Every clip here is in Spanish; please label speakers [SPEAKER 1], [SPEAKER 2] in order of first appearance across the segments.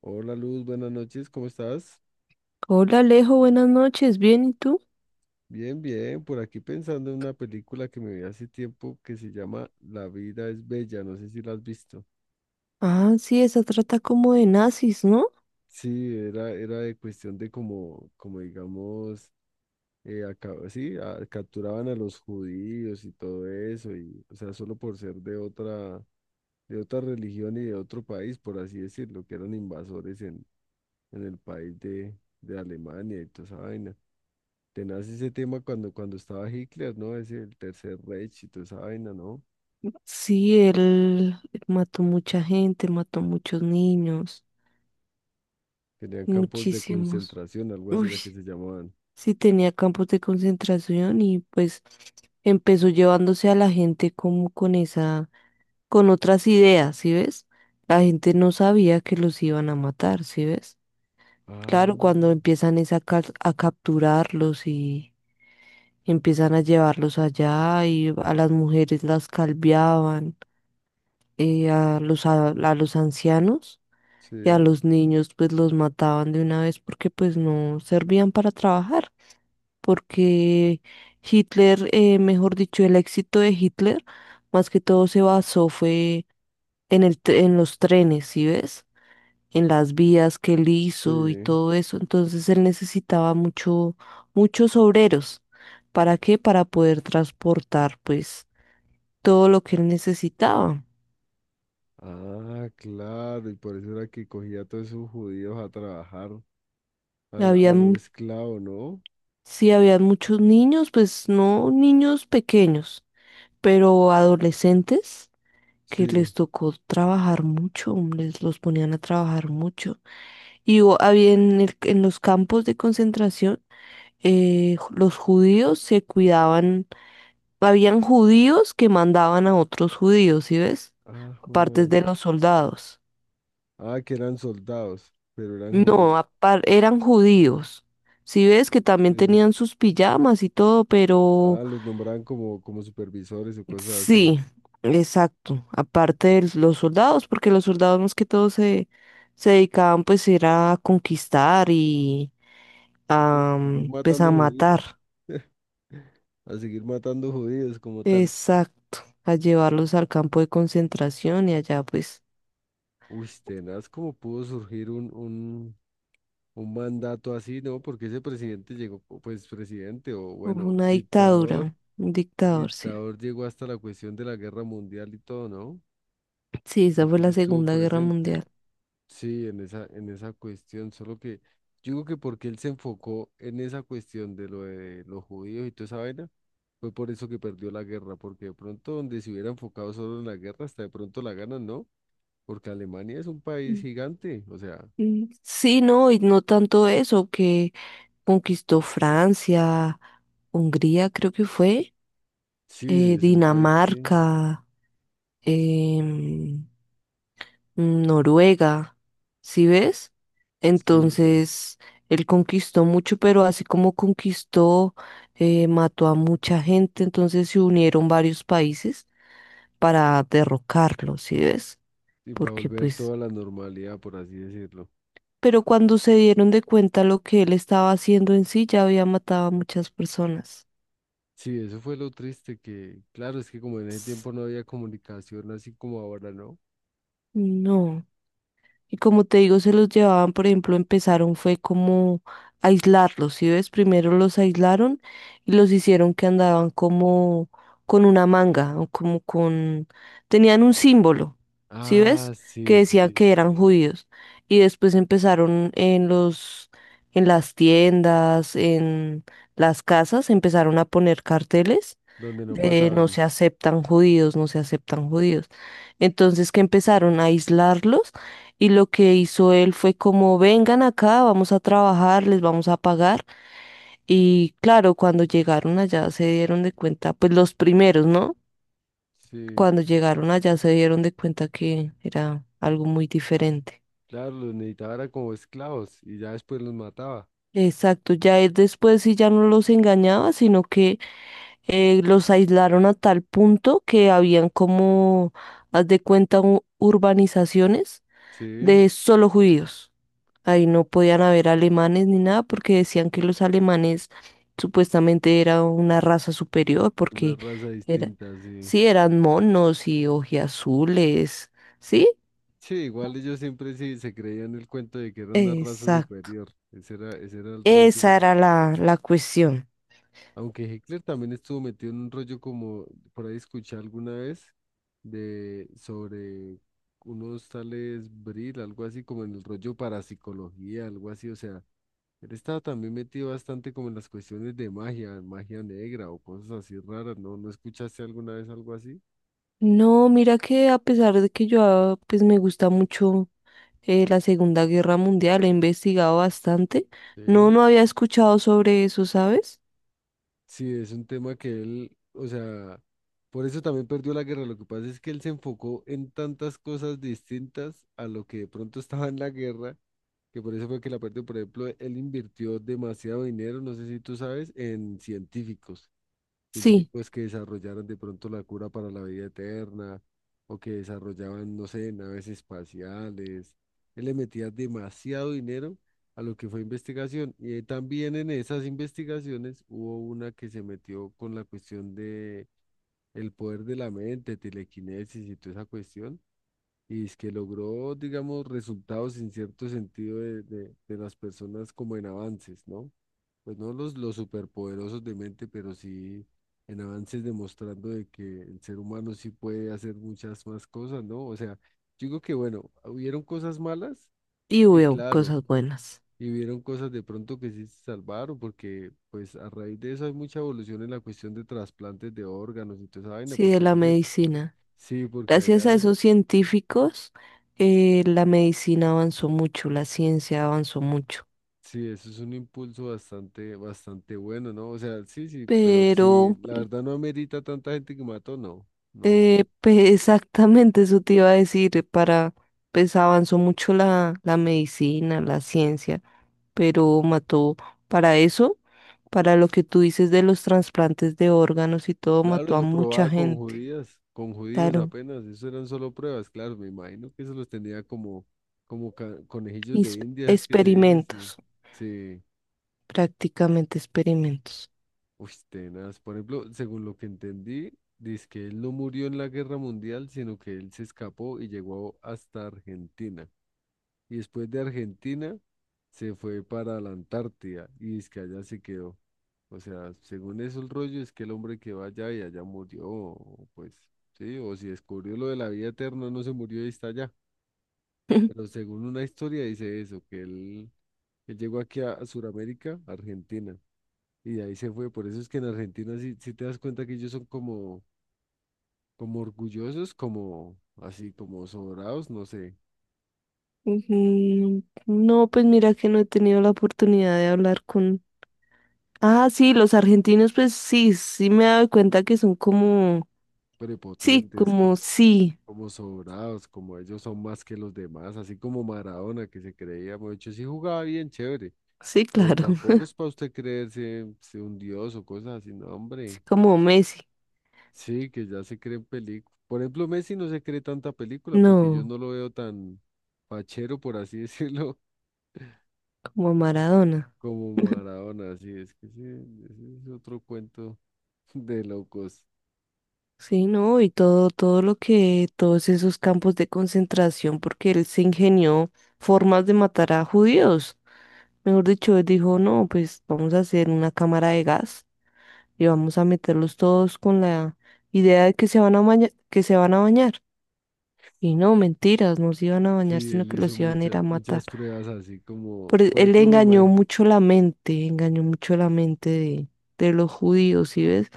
[SPEAKER 1] Hola Luz, buenas noches, ¿cómo estás?
[SPEAKER 2] Hola Alejo, buenas noches, ¿bien y tú?
[SPEAKER 1] Bien, bien, por aquí pensando en una película que me vi hace tiempo que se llama La vida es bella, no sé si la has visto.
[SPEAKER 2] Ah, sí, esa trata como de nazis, ¿no?
[SPEAKER 1] Sí, era de cuestión de como, como digamos, capturaban a los judíos y todo eso, y, o sea, solo por ser de otra religión y de otro país, por así decirlo, que eran invasores en el país de Alemania y toda esa vaina. Tenaz ese tema cuando estaba Hitler, ¿no? Ese, el Tercer Reich y toda esa vaina, ¿no?
[SPEAKER 2] Sí, él mató mucha gente, mató muchos niños,
[SPEAKER 1] Tenían campos de
[SPEAKER 2] muchísimos.
[SPEAKER 1] concentración, algo así
[SPEAKER 2] Uy,
[SPEAKER 1] era que se llamaban.
[SPEAKER 2] sí tenía campos de concentración y pues empezó llevándose a la gente como con esa, con otras ideas, ¿sí ves? La gente no sabía que los iban a matar, ¿sí ves?
[SPEAKER 1] Ah,
[SPEAKER 2] Claro, cuando empiezan es a, a capturarlos y empiezan a llevarlos allá y a las mujeres las calviaban, a los, a los ancianos y a
[SPEAKER 1] sí,
[SPEAKER 2] los niños pues los mataban de una vez porque pues no servían para trabajar, porque Hitler, mejor dicho, el éxito de Hitler más que todo se basó fue en los trenes, ¿sí ves? En las vías que él hizo y
[SPEAKER 1] sí.
[SPEAKER 2] todo eso. Entonces él necesitaba mucho, muchos obreros. ¿Para qué? Para poder transportar pues todo lo que él necesitaba.
[SPEAKER 1] Ah, claro, y por eso era que cogía a todos esos judíos a trabajar, a los
[SPEAKER 2] Habían,
[SPEAKER 1] esclavos, ¿no?
[SPEAKER 2] sí, habían muchos niños, pues no niños pequeños, pero adolescentes que
[SPEAKER 1] Sí.
[SPEAKER 2] les tocó trabajar mucho, les los ponían a trabajar mucho. Y había en los campos de concentración, los judíos se cuidaban. Habían judíos que mandaban a otros judíos, ¿sí ves?
[SPEAKER 1] Ah,
[SPEAKER 2] Aparte
[SPEAKER 1] joder.
[SPEAKER 2] de los soldados.
[SPEAKER 1] Ah, que eran soldados, pero eran judíos.
[SPEAKER 2] No, eran judíos. Si ves que también
[SPEAKER 1] Sí.
[SPEAKER 2] tenían sus pijamas y todo, pero
[SPEAKER 1] Ah, los nombraban como, como supervisores o cosas así.
[SPEAKER 2] sí, exacto. Aparte de los soldados, porque los soldados más que todo se, se dedicaban pues era a conquistar y
[SPEAKER 1] Sí,
[SPEAKER 2] a
[SPEAKER 1] seguir
[SPEAKER 2] pues a
[SPEAKER 1] matando judíos.
[SPEAKER 2] matar.
[SPEAKER 1] A seguir matando judíos como tal.
[SPEAKER 2] Exacto. A llevarlos al campo de concentración y allá pues
[SPEAKER 1] Uy, tenaz, ¿cómo pudo surgir un mandato así, no? Porque ese presidente llegó, o pues presidente o
[SPEAKER 2] hubo
[SPEAKER 1] bueno,
[SPEAKER 2] una
[SPEAKER 1] dictador,
[SPEAKER 2] dictadura, un dictador, sí.
[SPEAKER 1] dictador llegó hasta la cuestión de la guerra mundial y todo, ¿no?
[SPEAKER 2] Sí, esa fue
[SPEAKER 1] Porque él
[SPEAKER 2] la
[SPEAKER 1] estuvo
[SPEAKER 2] Segunda Guerra
[SPEAKER 1] presente.
[SPEAKER 2] Mundial.
[SPEAKER 1] Sí, en esa cuestión, solo que yo digo que porque él se enfocó en esa cuestión de lo de los judíos y toda esa vaina, fue por eso que perdió la guerra, porque de pronto donde se hubiera enfocado solo en la guerra, hasta de pronto la ganan, ¿no? Porque Alemania es un país
[SPEAKER 2] Mm,
[SPEAKER 1] gigante, o sea,
[SPEAKER 2] mm. Sí, no, y no tanto eso, que conquistó Francia, Hungría, creo que fue,
[SPEAKER 1] sí, sí, es un país que,
[SPEAKER 2] Dinamarca, em, Noruega, ¿sí ves?
[SPEAKER 1] sí,
[SPEAKER 2] Entonces, él conquistó mucho, pero así como conquistó, mató a mucha gente, entonces se unieron varios países para derrocarlo, ¿sí ves?
[SPEAKER 1] y para
[SPEAKER 2] Porque
[SPEAKER 1] volver
[SPEAKER 2] pues
[SPEAKER 1] toda la normalidad, por así decirlo.
[SPEAKER 2] pero cuando se dieron de cuenta lo que él estaba haciendo en sí, ya había matado a muchas personas.
[SPEAKER 1] Sí, eso fue lo triste que, claro, es que como en ese
[SPEAKER 2] S-
[SPEAKER 1] tiempo no había comunicación así como ahora, ¿no?
[SPEAKER 2] No. Y como te digo, se los llevaban, por ejemplo, empezaron fue como aislarlos, ¿sí ves? Primero los aislaron y los hicieron que andaban como con una manga, o como con... tenían un símbolo, ¿sí ves?
[SPEAKER 1] Ah,
[SPEAKER 2] Que
[SPEAKER 1] sí, sí,
[SPEAKER 2] decía que eran
[SPEAKER 1] sí,
[SPEAKER 2] judíos. Y después empezaron en los, en las tiendas, en las casas, empezaron a poner carteles
[SPEAKER 1] donde no
[SPEAKER 2] de no
[SPEAKER 1] pasaban,
[SPEAKER 2] se aceptan judíos, no se aceptan judíos. Entonces que empezaron a aislarlos y lo que hizo él fue como vengan acá, vamos a trabajar, les vamos a pagar. Y claro, cuando llegaron allá se dieron de cuenta, pues los primeros, ¿no?
[SPEAKER 1] sí,
[SPEAKER 2] Cuando llegaron allá se dieron de cuenta que era algo muy diferente.
[SPEAKER 1] claro, los necesitaba era como esclavos y ya después los mataba,
[SPEAKER 2] Exacto, ya él después sí ya no los engañaba, sino que los aislaron a tal punto que habían como, haz de cuenta, urbanizaciones
[SPEAKER 1] sí,
[SPEAKER 2] de solo judíos. Ahí no podían haber alemanes ni nada porque decían que los alemanes supuestamente era una raza superior
[SPEAKER 1] una
[SPEAKER 2] porque
[SPEAKER 1] raza
[SPEAKER 2] era,
[SPEAKER 1] distinta, sí.
[SPEAKER 2] sí, eran monos y ojiazules, ¿sí?
[SPEAKER 1] Sí, igual ellos siempre sí se creían el cuento de que era una raza
[SPEAKER 2] Exacto.
[SPEAKER 1] superior. Ese era el rollo de
[SPEAKER 2] Esa era
[SPEAKER 1] los.
[SPEAKER 2] la, la cuestión.
[SPEAKER 1] Aunque Hitler también estuvo metido en un rollo como por ahí escuché alguna vez de sobre unos tales Brill, algo así como en el rollo parapsicología, algo así. O sea, él estaba también metido bastante como en las cuestiones de magia, magia negra o cosas así raras. ¿No, no escuchaste alguna vez algo así?
[SPEAKER 2] No, mira que a pesar de que yo pues me gusta mucho la Segunda Guerra Mundial, he investigado bastante. No,
[SPEAKER 1] Sí.
[SPEAKER 2] no había escuchado sobre eso, ¿sabes?
[SPEAKER 1] Sí, es un tema que él, o sea, por eso también perdió la guerra. Lo que pasa es que él se enfocó en tantas cosas distintas a lo que de pronto estaba en la guerra, que por eso fue que la perdió. Por ejemplo, él invirtió demasiado dinero, no sé si tú sabes, en
[SPEAKER 2] Sí,
[SPEAKER 1] científicos que desarrollaron de pronto la cura para la vida eterna o que desarrollaban, no sé, naves espaciales. Él le metía demasiado dinero a lo que fue investigación. Y también en esas investigaciones hubo una que se metió con la cuestión de el poder de la mente, telequinesis y toda esa cuestión y es que logró, digamos, resultados en cierto sentido de, de las personas como en avances, ¿no? Pues no los, los superpoderosos de mente, pero sí en avances demostrando de que el ser humano sí puede hacer muchas más cosas, ¿no? O sea, yo digo que bueno, hubieron cosas malas,
[SPEAKER 2] y
[SPEAKER 1] sí,
[SPEAKER 2] veo
[SPEAKER 1] claro,
[SPEAKER 2] cosas buenas.
[SPEAKER 1] y hubieron cosas de pronto que sí se salvaron, porque pues a raíz de eso hay mucha evolución en la cuestión de trasplantes de órganos y toda esa vaina,
[SPEAKER 2] Sí, de
[SPEAKER 1] porque en
[SPEAKER 2] la
[SPEAKER 1] ese,
[SPEAKER 2] medicina.
[SPEAKER 1] sí, porque
[SPEAKER 2] Gracias a
[SPEAKER 1] allá
[SPEAKER 2] esos científicos, la medicina avanzó mucho, la ciencia avanzó mucho.
[SPEAKER 1] sí, eso es un impulso bastante, bastante bueno, ¿no? O sea, sí, sí, pero sí,
[SPEAKER 2] Pero,
[SPEAKER 1] la verdad no amerita tanta gente que mató, no, no.
[SPEAKER 2] exactamente eso te iba a decir, para, pues avanzó mucho la, la medicina, la ciencia. Pero mató para eso, para lo que tú dices de los trasplantes de órganos y todo,
[SPEAKER 1] Claro,
[SPEAKER 2] mató a
[SPEAKER 1] eso
[SPEAKER 2] mucha
[SPEAKER 1] probaba con
[SPEAKER 2] gente.
[SPEAKER 1] judías, con judíos
[SPEAKER 2] Claro,
[SPEAKER 1] apenas, eso eran solo pruebas, claro, me imagino que eso los tenía como, conejillos
[SPEAKER 2] is-
[SPEAKER 1] de India, es que se dice, sí,
[SPEAKER 2] experimentos,
[SPEAKER 1] sí,
[SPEAKER 2] prácticamente experimentos.
[SPEAKER 1] uy, tenaz. Por ejemplo, según lo que entendí, dice que él no murió en la guerra mundial, sino que él se escapó y llegó hasta Argentina. Y después de Argentina se fue para la Antártida y es que allá se quedó. O sea, según eso el rollo es que el hombre que va allá y allá murió, o pues sí, o si descubrió lo de la vida eterna, no se murió y está allá. Pero según una historia dice eso, que él llegó aquí a Sudamérica, Argentina, y de ahí se fue. Por eso es que en Argentina sí, sí te das cuenta que ellos son como, como orgullosos, como así, como sobrados, no sé.
[SPEAKER 2] Ujú. No, pues mira que no he tenido la oportunidad de hablar con... Ah, sí, los argentinos, pues sí, sí me he dado cuenta que son
[SPEAKER 1] Prepotentes,
[SPEAKER 2] como
[SPEAKER 1] como,
[SPEAKER 2] sí,
[SPEAKER 1] como sobrados, como ellos son más que los demás, así como Maradona que se creía mucho, sí jugaba bien chévere,
[SPEAKER 2] sí,
[SPEAKER 1] pero
[SPEAKER 2] claro,
[SPEAKER 1] tampoco es para usted creerse se un dios o cosas así, no,
[SPEAKER 2] sí,
[SPEAKER 1] hombre,
[SPEAKER 2] como Messi.
[SPEAKER 1] sí, que ya se creen películas. Por ejemplo, Messi no se cree tanta película porque yo
[SPEAKER 2] No,
[SPEAKER 1] no lo veo tan fachero, por así decirlo,
[SPEAKER 2] como Maradona.
[SPEAKER 1] como Maradona, así es que sí, ese es otro cuento de locos.
[SPEAKER 2] Sí, ¿no? Y todo, todo lo que, todos esos campos de concentración, porque él se ingenió formas de matar a judíos. Mejor dicho, él dijo, no, pues vamos a hacer una cámara de gas y vamos a meterlos todos con la idea de que se van a bañar, que se van a bañar. Y no, mentiras, no se iban a bañar,
[SPEAKER 1] Sí,
[SPEAKER 2] sino
[SPEAKER 1] él
[SPEAKER 2] que
[SPEAKER 1] hizo
[SPEAKER 2] los iban a ir a
[SPEAKER 1] muchas
[SPEAKER 2] matar.
[SPEAKER 1] muchas pruebas así como, por
[SPEAKER 2] Él
[SPEAKER 1] ejemplo, me
[SPEAKER 2] engañó
[SPEAKER 1] imagino.
[SPEAKER 2] mucho la mente, engañó mucho la mente de los judíos, ¿sí ves?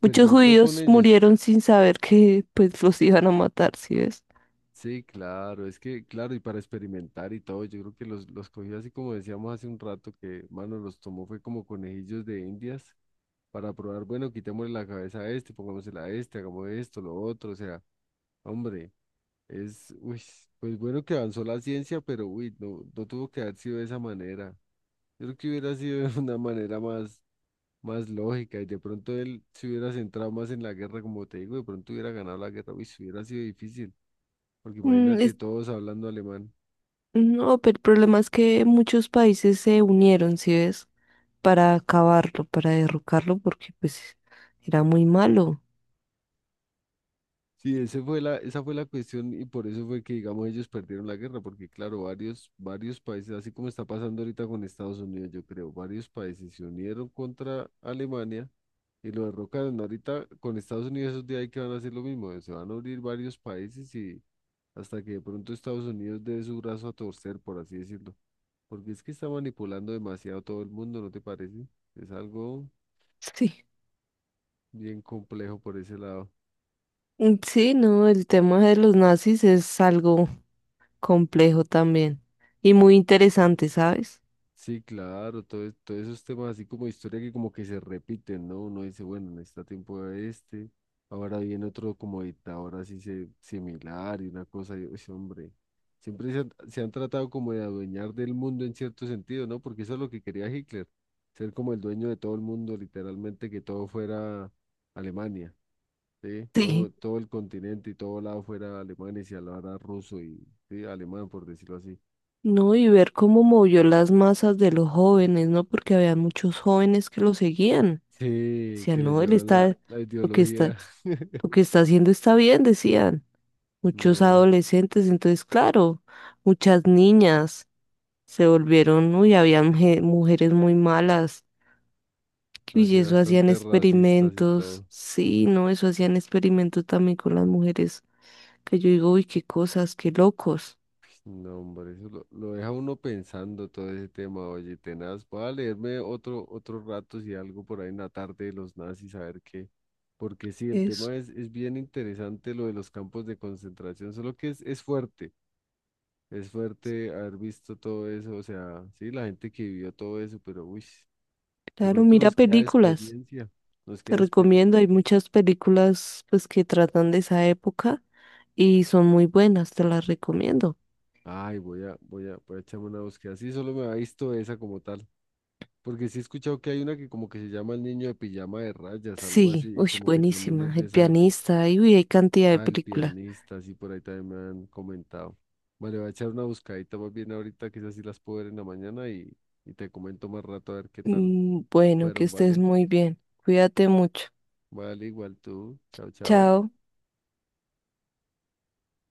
[SPEAKER 2] Muchos
[SPEAKER 1] con
[SPEAKER 2] judíos
[SPEAKER 1] ellos.
[SPEAKER 2] murieron sin saber que pues los iban a matar, ¿sí ves?
[SPEAKER 1] Sí, claro, es que, claro, y para experimentar y todo, yo creo que los cogió así como decíamos hace un rato, que, mano, los tomó fue como conejillos de indias para probar, bueno, quitémosle la cabeza a este, pongámosela a este, hagamos esto, lo otro, o sea, hombre, es, uy, pues bueno que avanzó la ciencia, pero, uy, no, no tuvo que haber sido de esa manera. Yo creo que hubiera sido de una manera más, más lógica y de pronto él se hubiera centrado más en la guerra, como te digo, de pronto hubiera ganado la guerra, uy, hubiera sido difícil. Porque
[SPEAKER 2] Mm,
[SPEAKER 1] imagínate
[SPEAKER 2] es-
[SPEAKER 1] todos hablando alemán.
[SPEAKER 2] no, pero el problema es que muchos países se unieron, ¿sí ves? Para acabarlo, para derrocarlo, porque pues era muy malo.
[SPEAKER 1] Sí, ese fue la, esa fue la cuestión y por eso fue que, digamos, ellos perdieron la guerra, porque claro, varios países, así como está pasando ahorita con Estados Unidos, yo creo, varios países se unieron contra Alemania y lo derrocaron. Ahorita con Estados Unidos esos días hay que van a hacer lo mismo, se van a unir varios países y hasta que de pronto Estados Unidos dé su brazo a torcer, por así decirlo. Porque es que está manipulando demasiado todo el mundo, ¿no te parece? Es algo
[SPEAKER 2] Sí.
[SPEAKER 1] bien complejo por ese lado.
[SPEAKER 2] Mm, sí, no, el tema de los nazis es algo complejo también y muy interesante, ¿sabes?
[SPEAKER 1] Sí, claro, todo, todos esos temas así como historia que como que se repiten, ¿no? Uno dice, bueno, en este tiempo era este, ahora viene otro como dictador así se, similar y una cosa, y, uy, sí, hombre, siempre se han tratado como de adueñar del mundo en cierto sentido, ¿no? Porque eso es lo que quería Hitler, ser como el dueño de todo el mundo, literalmente que todo fuera Alemania, ¿sí? Todo,
[SPEAKER 2] Sí.
[SPEAKER 1] todo el continente y todo lado fuera Alemania y se hablara ruso y, sí, alemán, por decirlo así.
[SPEAKER 2] No, y ver cómo movió las masas de los jóvenes, ¿no? Porque había muchos jóvenes que lo seguían.
[SPEAKER 1] Sí, que
[SPEAKER 2] Decían,
[SPEAKER 1] le
[SPEAKER 2] no, él
[SPEAKER 1] llevan la,
[SPEAKER 2] está,
[SPEAKER 1] la
[SPEAKER 2] lo que está,
[SPEAKER 1] ideología.
[SPEAKER 2] lo que está haciendo está bien, decían. Muchos
[SPEAKER 1] No,
[SPEAKER 2] adolescentes, entonces claro, muchas niñas se volvieron, uy, habían mujeres muy malas, y
[SPEAKER 1] así
[SPEAKER 2] eso hacían
[SPEAKER 1] bastante racistas y
[SPEAKER 2] experimentos,
[SPEAKER 1] todo.
[SPEAKER 2] sí, no, eso hacían experimentos también con las mujeres, que yo digo, uy, qué cosas, qué locos,
[SPEAKER 1] No, hombre, eso lo deja uno pensando todo ese tema, oye, tenaz. Voy a leerme otro, otro rato si algo por ahí en la tarde de los nazis, a ver qué. Porque sí, el
[SPEAKER 2] eso,
[SPEAKER 1] tema es bien interesante lo de los campos de concentración, solo que es fuerte haber visto todo eso, o sea, sí, la gente que vivió todo eso, pero uy, de
[SPEAKER 2] claro,
[SPEAKER 1] pronto
[SPEAKER 2] mira
[SPEAKER 1] nos queda
[SPEAKER 2] películas,
[SPEAKER 1] experiencia, nos
[SPEAKER 2] te
[SPEAKER 1] queda experiencia.
[SPEAKER 2] recomiendo, hay muchas películas pues que tratan de esa época y son muy buenas, te las recomiendo.
[SPEAKER 1] Ay, voy a, voy a, voy a echarme una búsqueda. Sí, solo me ha visto esa como tal. Porque sí he escuchado que hay una que como que se llama El niño de pijama de rayas, algo así,
[SPEAKER 2] Sí,
[SPEAKER 1] y
[SPEAKER 2] uy,
[SPEAKER 1] como que también es
[SPEAKER 2] buenísima,
[SPEAKER 1] de
[SPEAKER 2] El
[SPEAKER 1] esa época.
[SPEAKER 2] pianista, y uy, hay cantidad de
[SPEAKER 1] Ah, el
[SPEAKER 2] películas.
[SPEAKER 1] pianista, sí, por ahí también me han comentado. Vale, voy a echar una buscadita más bien ahorita, quizás sí las puedo ver en la mañana y te comento más rato a ver qué tal
[SPEAKER 2] Mm, bueno, que
[SPEAKER 1] fueron,
[SPEAKER 2] estés
[SPEAKER 1] ¿vale?
[SPEAKER 2] muy bien. Cuídate mucho.
[SPEAKER 1] Vale, igual tú. Chao, chao.
[SPEAKER 2] Chao.